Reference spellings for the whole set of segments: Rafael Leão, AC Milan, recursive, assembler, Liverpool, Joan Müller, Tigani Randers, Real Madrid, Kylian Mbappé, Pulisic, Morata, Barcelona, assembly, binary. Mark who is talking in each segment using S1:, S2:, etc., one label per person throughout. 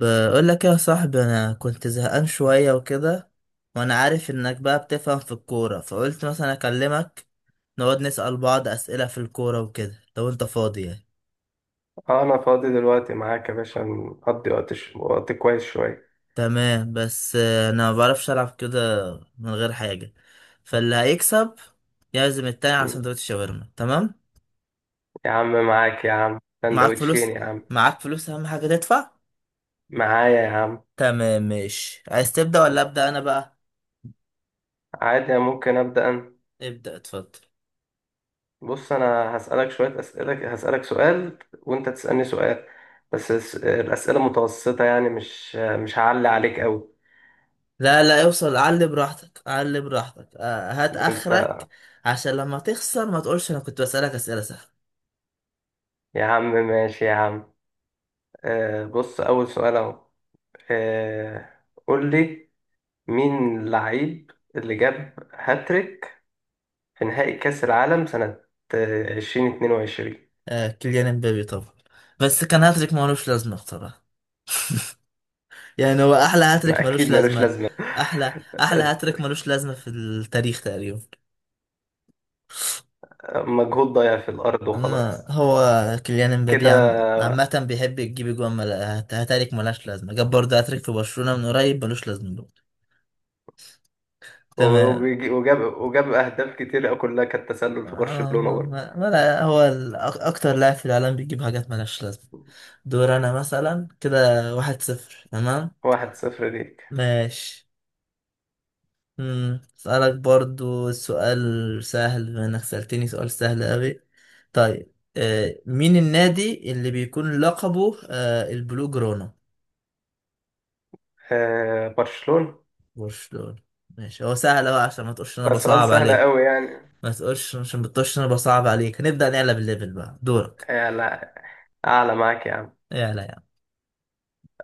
S1: بقول لك يا صاحبي، انا كنت زهقان شويه وكده. وانا عارف انك بقى بتفهم في الكوره، فقلت مثلا اكلمك نقعد نسأل بعض اسئله في الكوره وكده لو انت فاضي يعني.
S2: اه انا فاضي دلوقتي معاك يا باشا، نقضي وقت كويس شوية.
S1: تمام، بس انا ما بعرفش العب كده من غير حاجه. فاللي هيكسب يعزم التاني على
S2: م.
S1: سندوتش شاورما. تمام؟
S2: يا عم معاك يا عم،
S1: معاك فلوس؟
S2: سندوتشين يا عم.
S1: معاك فلوس اهم حاجه تدفع.
S2: معايا يا عم.
S1: تمام ماشي. عايز تبدأ
S2: م.
S1: ولا أبدأ انا بقى؟
S2: عادي، ممكن ابدأ انا.
S1: ابدأ، اتفضل.
S2: بص، انا هسألك شوية اسئلة، هسألك سؤال وانت تسألني سؤال. بس الأسئلة متوسطة، يعني مش هعلي عليك قوي.
S1: لا لا، اوصل علي براحتك، علي براحتك. هات
S2: ده انت.
S1: اخرك. عشان لما تخسر ما تقولش انا كنت بسألك اسئلة سهلة.
S2: يا عم ماشي يا عم. بص، اول سؤال اهو. آه، قول لي، مين اللعيب اللي جاب هاتريك في نهائي كأس العالم سنة 2022؟
S1: آه، كيليان امبابي طبعا. بس كان هاتريك ملوش لازمة بصراحة. يعني هو احلى هاتريك
S2: ما أكيد
S1: ملوش
S2: ملوش
S1: لازمة.
S2: لازمة.
S1: احلى احلى هاتريك ملوش لازمة في التاريخ تقريبا.
S2: مجهود ضايع في الأرض
S1: أما
S2: وخلاص.
S1: هو كيليان امبابي
S2: كده.
S1: عامة بيحب يجيب هاتريك ملهاش لازمة. جاب برضه هاتريك في برشلونة من قريب ملوش لازمة برضه. تمام.
S2: وجاب أهداف كتير كلها كانت تسلل في
S1: آه،
S2: برشلونة
S1: ما...
S2: برضه.
S1: ما... ما... هو أكتر لاعب في العالم بيجيب حاجات ملهاش لازمة. دور انا مثلا كده. 1-0. تمام
S2: 1-0 ليك.
S1: ماشي. اسألك برضو سؤال سهل بما انك سألتني سؤال سهل اوي. طيب، مين النادي اللي بيكون لقبه البلو جرونا؟
S2: برشلونة.
S1: برشلونة. ماشي، هو سهل اوي عشان ما تقولش إن انا
S2: ده سؤال
S1: بصعب
S2: سهل
S1: عليك.
S2: قوي يعني.
S1: ما تقولش، عشان بتقولش إن انا بصعب عليك هنبدأ نقلب الليفل. بقى دورك.
S2: آه، لا. أعلى معاك يا عم.
S1: يلا يا عم.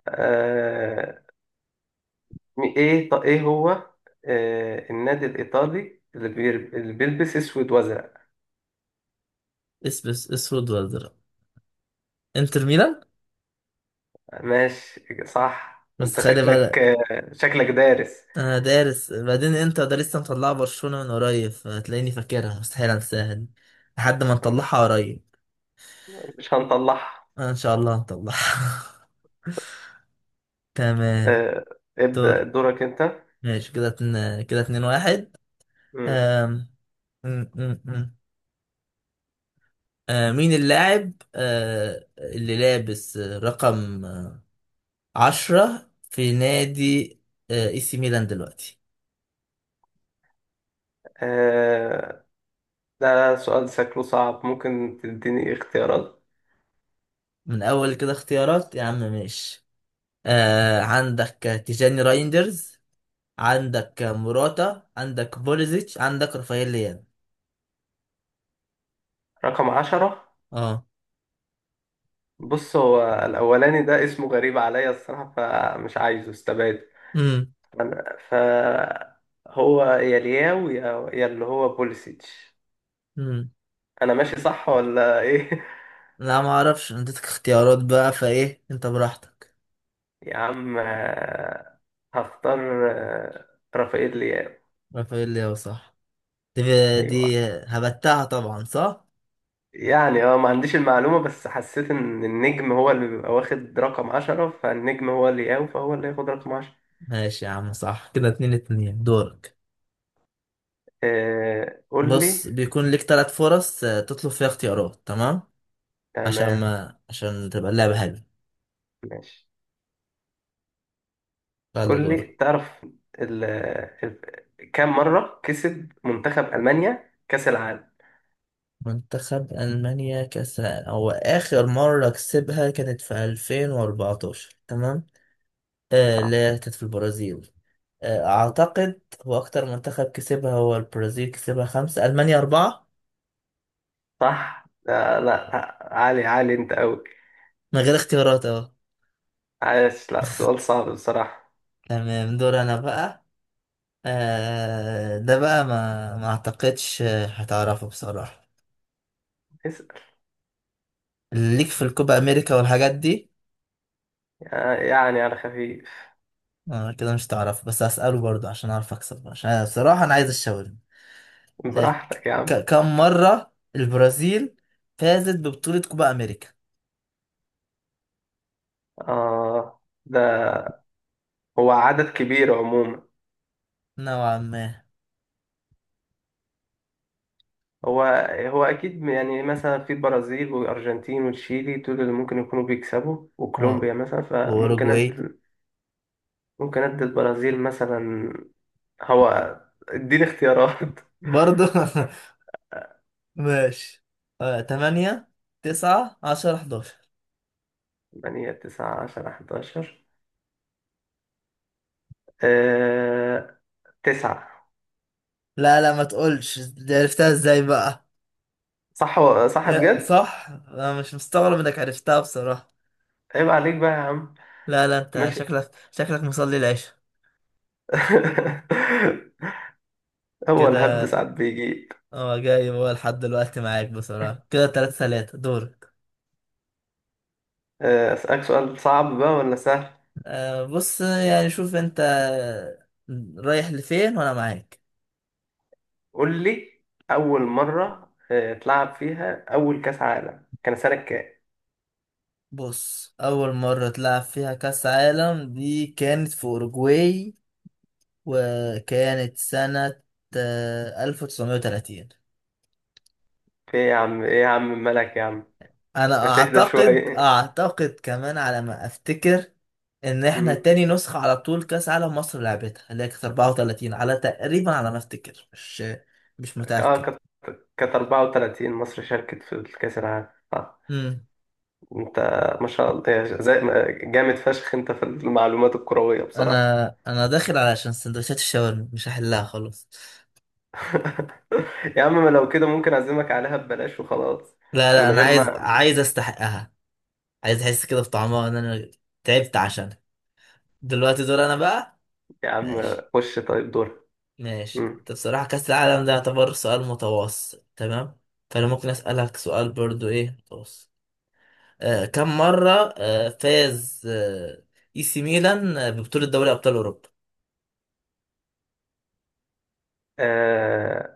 S2: آه، إيه هو النادي الإيطالي اللي بيلبس أسود وأزرق؟
S1: اسبس اسود ولا درا. انتر ميلان.
S2: ماشي صح،
S1: بس
S2: انت
S1: خلي
S2: شكلك
S1: بالك،
S2: شكلك دارس.
S1: انا دارس. بعدين انت ده لسه مطلعه برشلونة من قريب، فتلاقيني فاكرها، مستحيل انساها دي لحد ما نطلعها قريب.
S2: مش هنطلعها.
S1: انا ان شاء الله هنطلعها. تمام.
S2: آه، ابدأ
S1: دور.
S2: دورك انت.
S1: ماشي، كده اتنين، كده اتنين واحد.
S2: مم.
S1: أم... أم... أم... أم. مين اللاعب اللي لابس رقم عشرة في نادي اي سي ميلان دلوقتي؟
S2: آه، ده سؤال شكله صعب، ممكن تديني اختيارات؟
S1: من اول كده اختيارات؟ يا عم ماشي. عندك تيجاني رايندرز، عندك موراتا، عندك بوليزيتش، عندك رافائيل ليان.
S2: رقم 10.
S1: اه.
S2: بص، هو الأولاني ده اسمه غريب عليا الصراحة، فمش عايزه استبعد.
S1: امم
S2: أنا فهو يا لياو يا اللي هو بوليسيتش.
S1: امم
S2: أنا ماشي صح ولا إيه؟
S1: لا ما اعرفش، اديتك اختيارات بقى فايه، انت براحتك.
S2: يا عم، هختار رافائيل لياو.
S1: رافائيل ليان صح. دي,
S2: ايوه.
S1: دي هبتها طبعا صح.
S2: يعني، ما عنديش المعلومة، بس حسيت ان النجم هو اللي بيبقى واخد رقم 10، فالنجم هو اللي ياو، فهو اللي ياخد رقم 10.
S1: ماشي يا عم، صح. كده اتنين اتنين. دورك.
S2: قول لي.
S1: بص، بيكون ليك تلات فرص تطلب فيها اختيارات، تمام؟ عشان
S2: تمام.
S1: ما عشان تبقى اللعبة حلوة.
S2: ماشي.
S1: يلا
S2: قول
S1: دورك.
S2: لي، تعرف ال... ال... كم مرة كسب منتخب ألمانيا كأس العالم؟
S1: منتخب ألمانيا كأس. هو آخر مرة كسبها كانت في 2014، تمام. آه
S2: صح.
S1: لا، كانت في البرازيل. آه، أعتقد هو أكتر منتخب كسبها هو البرازيل، كسبها خمسة، ألمانيا أربعة.
S2: صح؟ لا لا، عالي عالي انت قوي.
S1: من غير اختيارات أهو.
S2: عايش. لا، سؤال صعب بصراحة.
S1: تمام، دور أنا بقى. آه، ده بقى ما أعتقدش هتعرفه بصراحة.
S2: اسأل.
S1: ليك في الكوبا أمريكا والحاجات دي.
S2: يعني على خفيف.
S1: آه كده مش هتعرفه، بس هسأله برضه عشان أعرف أكسب، عشان أنا بصراحة أنا عايز الشاورما.
S2: براحتك يا عم.
S1: كم مرة البرازيل فازت ببطولة كوبا أمريكا؟
S2: آه ده هو عدد كبير عموما.
S1: نوعا ما.
S2: هو هو أكيد، يعني مثلا في البرازيل والأرجنتين وتشيلي، دول اللي ممكن يكونوا بيكسبوا،
S1: واو.
S2: وكولومبيا مثلا،
S1: وأوروجواي.
S2: ممكن أدي البرازيل مثلا. هو، اديني اختيارات.
S1: برضه. ماشي، تمانية، تسعة، عشرة، 11.
S2: 8 9 10 11. آه... 9.
S1: لا لا، ما تقولش دي عرفتها ازاي بقى.
S2: صح. صح بجد؟
S1: صح، انا مش مستغرب انك عرفتها بصراحة.
S2: عيب عليك بقى يا عم.
S1: لا لا، انت
S2: ماشي.
S1: شكلك مصلي العشاء.
S2: هو الهبد
S1: كده.
S2: ساعات بيجي.
S1: اه، جاي هو لحد دلوقتي معاك بصراحة. كده تلاتة تلاتة. دورك.
S2: أسألك سؤال صعب بقى ولا سهل؟
S1: أه، بص، يعني شوف انت رايح لفين وانا معاك.
S2: قول لي. أول مرة تلعب فيها أول كأس عالم كان سنة كام؟
S1: بص، اول مرة تلعب فيها كاس عالم دي كانت في اوروجواي، وكانت سنة 1930.
S2: في إيه يا عم، إيه يا عم، مالك يا عم؟
S1: أنا
S2: هتهدى
S1: أعتقد،
S2: شوية.
S1: كمان على ما أفتكر، إن إحنا
S2: مم.
S1: تاني نسخة على طول كأس عالم مصر لعبتها، اللي هي كانت 34 على تقريبا، على ما أفتكر، مش مش
S2: آه
S1: متأكد.
S2: كانت كانت 34 مصر شاركت في الكأس العالم.
S1: مم.
S2: أنت، ما شاء الله، يا ج- زي ما- جامد فشخ أنت في المعلومات الكروية بصراحة.
S1: أنا أنا داخل علشان سندوتشات الشاورما، مش هحلها خلاص.
S2: يا عم، ما لو كده ممكن أعزمك عليها ببلاش وخلاص.
S1: لا لا،
S2: من
S1: أنا
S2: غير ما.
S1: عايز أستحقها. عايز أحس كده بطعمها، إن أنا تعبت عشانها. دلوقتي دور أنا بقى.
S2: يا عم
S1: ماشي.
S2: خش طيب دور.
S1: ماشي،
S2: مم.
S1: انت بصراحة كأس العالم ده يعتبر سؤال متوسط تمام. فأنا ممكن أسألك سؤال برضو إيه متوسط. كم مرة فاز إي سي ميلان ببطولة دوري أبطال أوروبا؟
S2: آه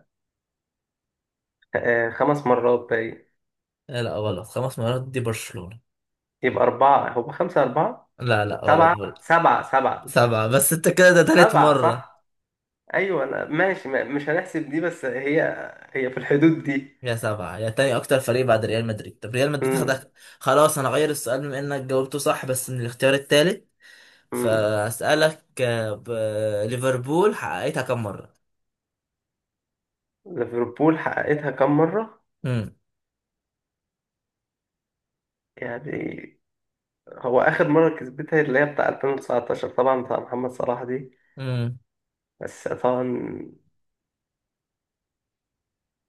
S2: 5 مرات باين.
S1: آه لا، غلط، خمس مرات دي برشلونة.
S2: يبقى أربعة، هو خمسة أربعة؟
S1: لا لا غلط
S2: سبعة
S1: برضو.
S2: سبعة سبعة.
S1: سبعة. بس أنت كده ده تالت
S2: سبعة
S1: مرة.
S2: صح. أيوة، أنا ماشي، مش هنحسب دي، بس هي في الحدود دي.
S1: يا سبعة يا تاني أكتر فريق بعد ريال مدريد. طب ريال مدريد
S2: مم.
S1: خدك. خلاص، أنا غير السؤال بما إنك جاوبته صح، بس من الاختيار التالت.
S2: مم.
S1: فأسألك ليفربول حققتها كم مرة؟
S2: ليفربول حققتها كم مرة؟
S1: مم.
S2: يعني، هو آخر مرة كسبتها اللي هي بتاع 2019، طبعا بتاع محمد صلاح دي.
S1: امم
S2: بس طبعا،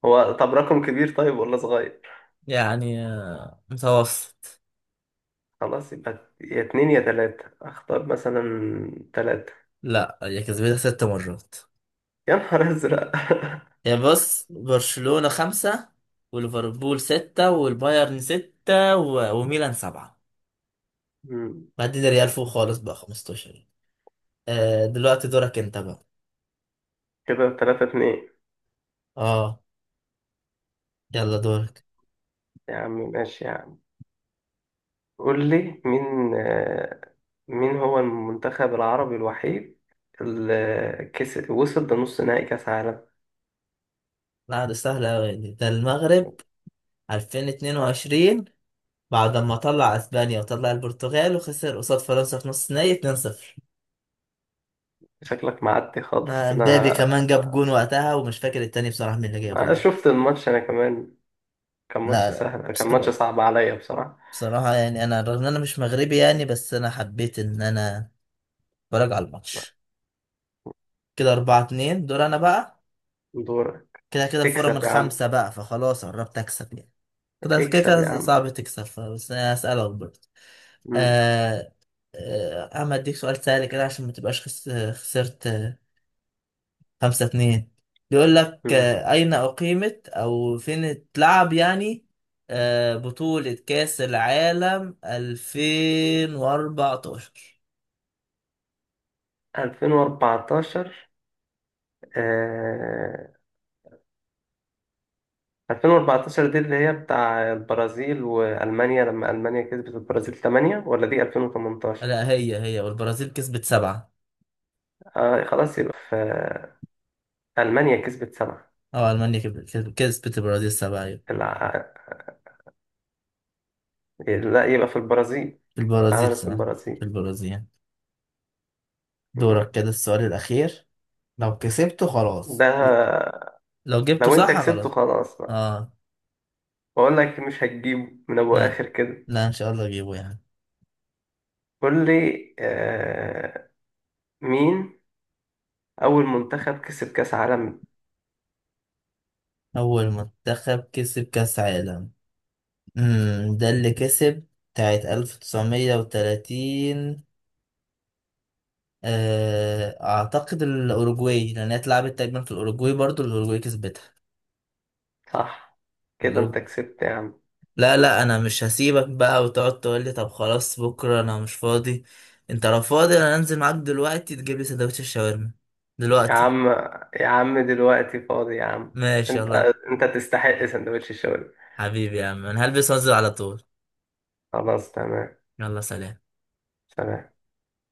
S2: هو طب رقم كبير طيب ولا صغير؟
S1: يعني، متوسط.
S2: خلاص، يبقى يا اتنين يا تلاتة، أختار مثلا تلاتة.
S1: لا، هي كسبتها ست مرات.
S2: يا نهار أزرق.
S1: هي بص، برشلونة خمسة، وليفربول ستة، والبايرن ستة، وميلان سبعة.
S2: مم.
S1: بعدين ريال فوق خالص بقى 15. آه دلوقتي دورك انت بقى.
S2: كده تلاتة اتنين.
S1: اه. يلا دورك.
S2: يا عم ماشي يا عم. قول لي، مين هو المنتخب العربي الوحيد اللي وصل لنص نهائي كأس عالم؟
S1: لا، ده سهل اوي دي. ده المغرب 2022، بعد ما طلع اسبانيا وطلع البرتغال، وخسر قصاد فرنسا في نص نهائي 2-0.
S2: شكلك معدي خالص
S1: مبابي
S2: انا.
S1: كمان جاب جون وقتها، ومش فاكر التاني بصراحة مين اللي جابه.
S2: أنا شفت الماتش انا كمان. كان
S1: لا
S2: ماتش
S1: لا
S2: سهل، كان ماتش
S1: بصراحة,
S2: صعب عليا بصراحة.
S1: يعني أنا رغم إن أنا مش مغربي يعني، بس أنا حبيت إن أنا أتفرج على الماتش. كده أربعة اتنين، دور أنا بقى.
S2: دورك.
S1: كده كده الفورة من
S2: اكسب يا عم.
S1: خمسة بقى، فخلاص قربت أكسب يعني. كده كده
S2: اكسب يا
S1: كده
S2: عم.
S1: صعب تكسب، بس أنا هسألك برضه.
S2: مم.
S1: آه آه، أما أديك سؤال سهل كده عشان ما تبقاش خسرت خمسة اتنين. بيقول لك
S2: مم.
S1: أين أقيمت، أو فين اتلعب يعني، بطولة كأس العالم 2014؟
S2: 2014. آه... 2014، دي اللي هي بتاع البرازيل وألمانيا لما ألمانيا كسبت البرازيل 8، ولا دي 2018؟
S1: لا، هي والبرازيل كسبت سبعة.
S2: خلاص، يبقى في ألمانيا كسبت سبعة.
S1: أو ألمانيا كسبت البرازيل سبعة. أيوة.
S2: الع- لا، يبقى في البرازيل.
S1: في البرازيل
S2: عملت في
S1: سبعة. في
S2: البرازيل.
S1: البرازيل.
S2: م-م.
S1: دورك، كده السؤال الأخير، لو كسبته
S2: ده
S1: خلاص، لو جبته
S2: لو انت
S1: صح
S2: كسبته
S1: خلاص.
S2: خلاص بقى.
S1: اه.
S2: بقول لك، مش هتجيبه من ابو
S1: لا
S2: اخر كده.
S1: لا، إن شاء الله أجيبه يعني.
S2: قول لي، مين اول منتخب كسب كاس عالم؟
S1: أول منتخب كسب كأس عالم. ده اللي كسب بتاعت 1930. آه، أعتقد الأوروجواي، لأن هي اتلعبت تقريبا في الأوروجواي، برضو الأوروجواي كسبتها.
S2: صح. كده انت
S1: الأوروجواي.
S2: كسبت يا عم.
S1: لا لا، أنا مش هسيبك بقى وتقعد تقول لي طب خلاص بكرة أنا مش فاضي. أنت لو فاضي أنا أنزل معاك دلوقتي تجيب لي سندوتش الشاورما
S2: يا
S1: دلوقتي.
S2: عم. يا عم دلوقتي فاضي يا عم.
S1: ماشي،
S2: انت
S1: يلا.
S2: انت تستحق سندوتش الشاورما.
S1: حبيبي يا عم، أنا هلبس وأنزل على طول.
S2: خلاص تمام.
S1: يلا سلام.
S2: سلام.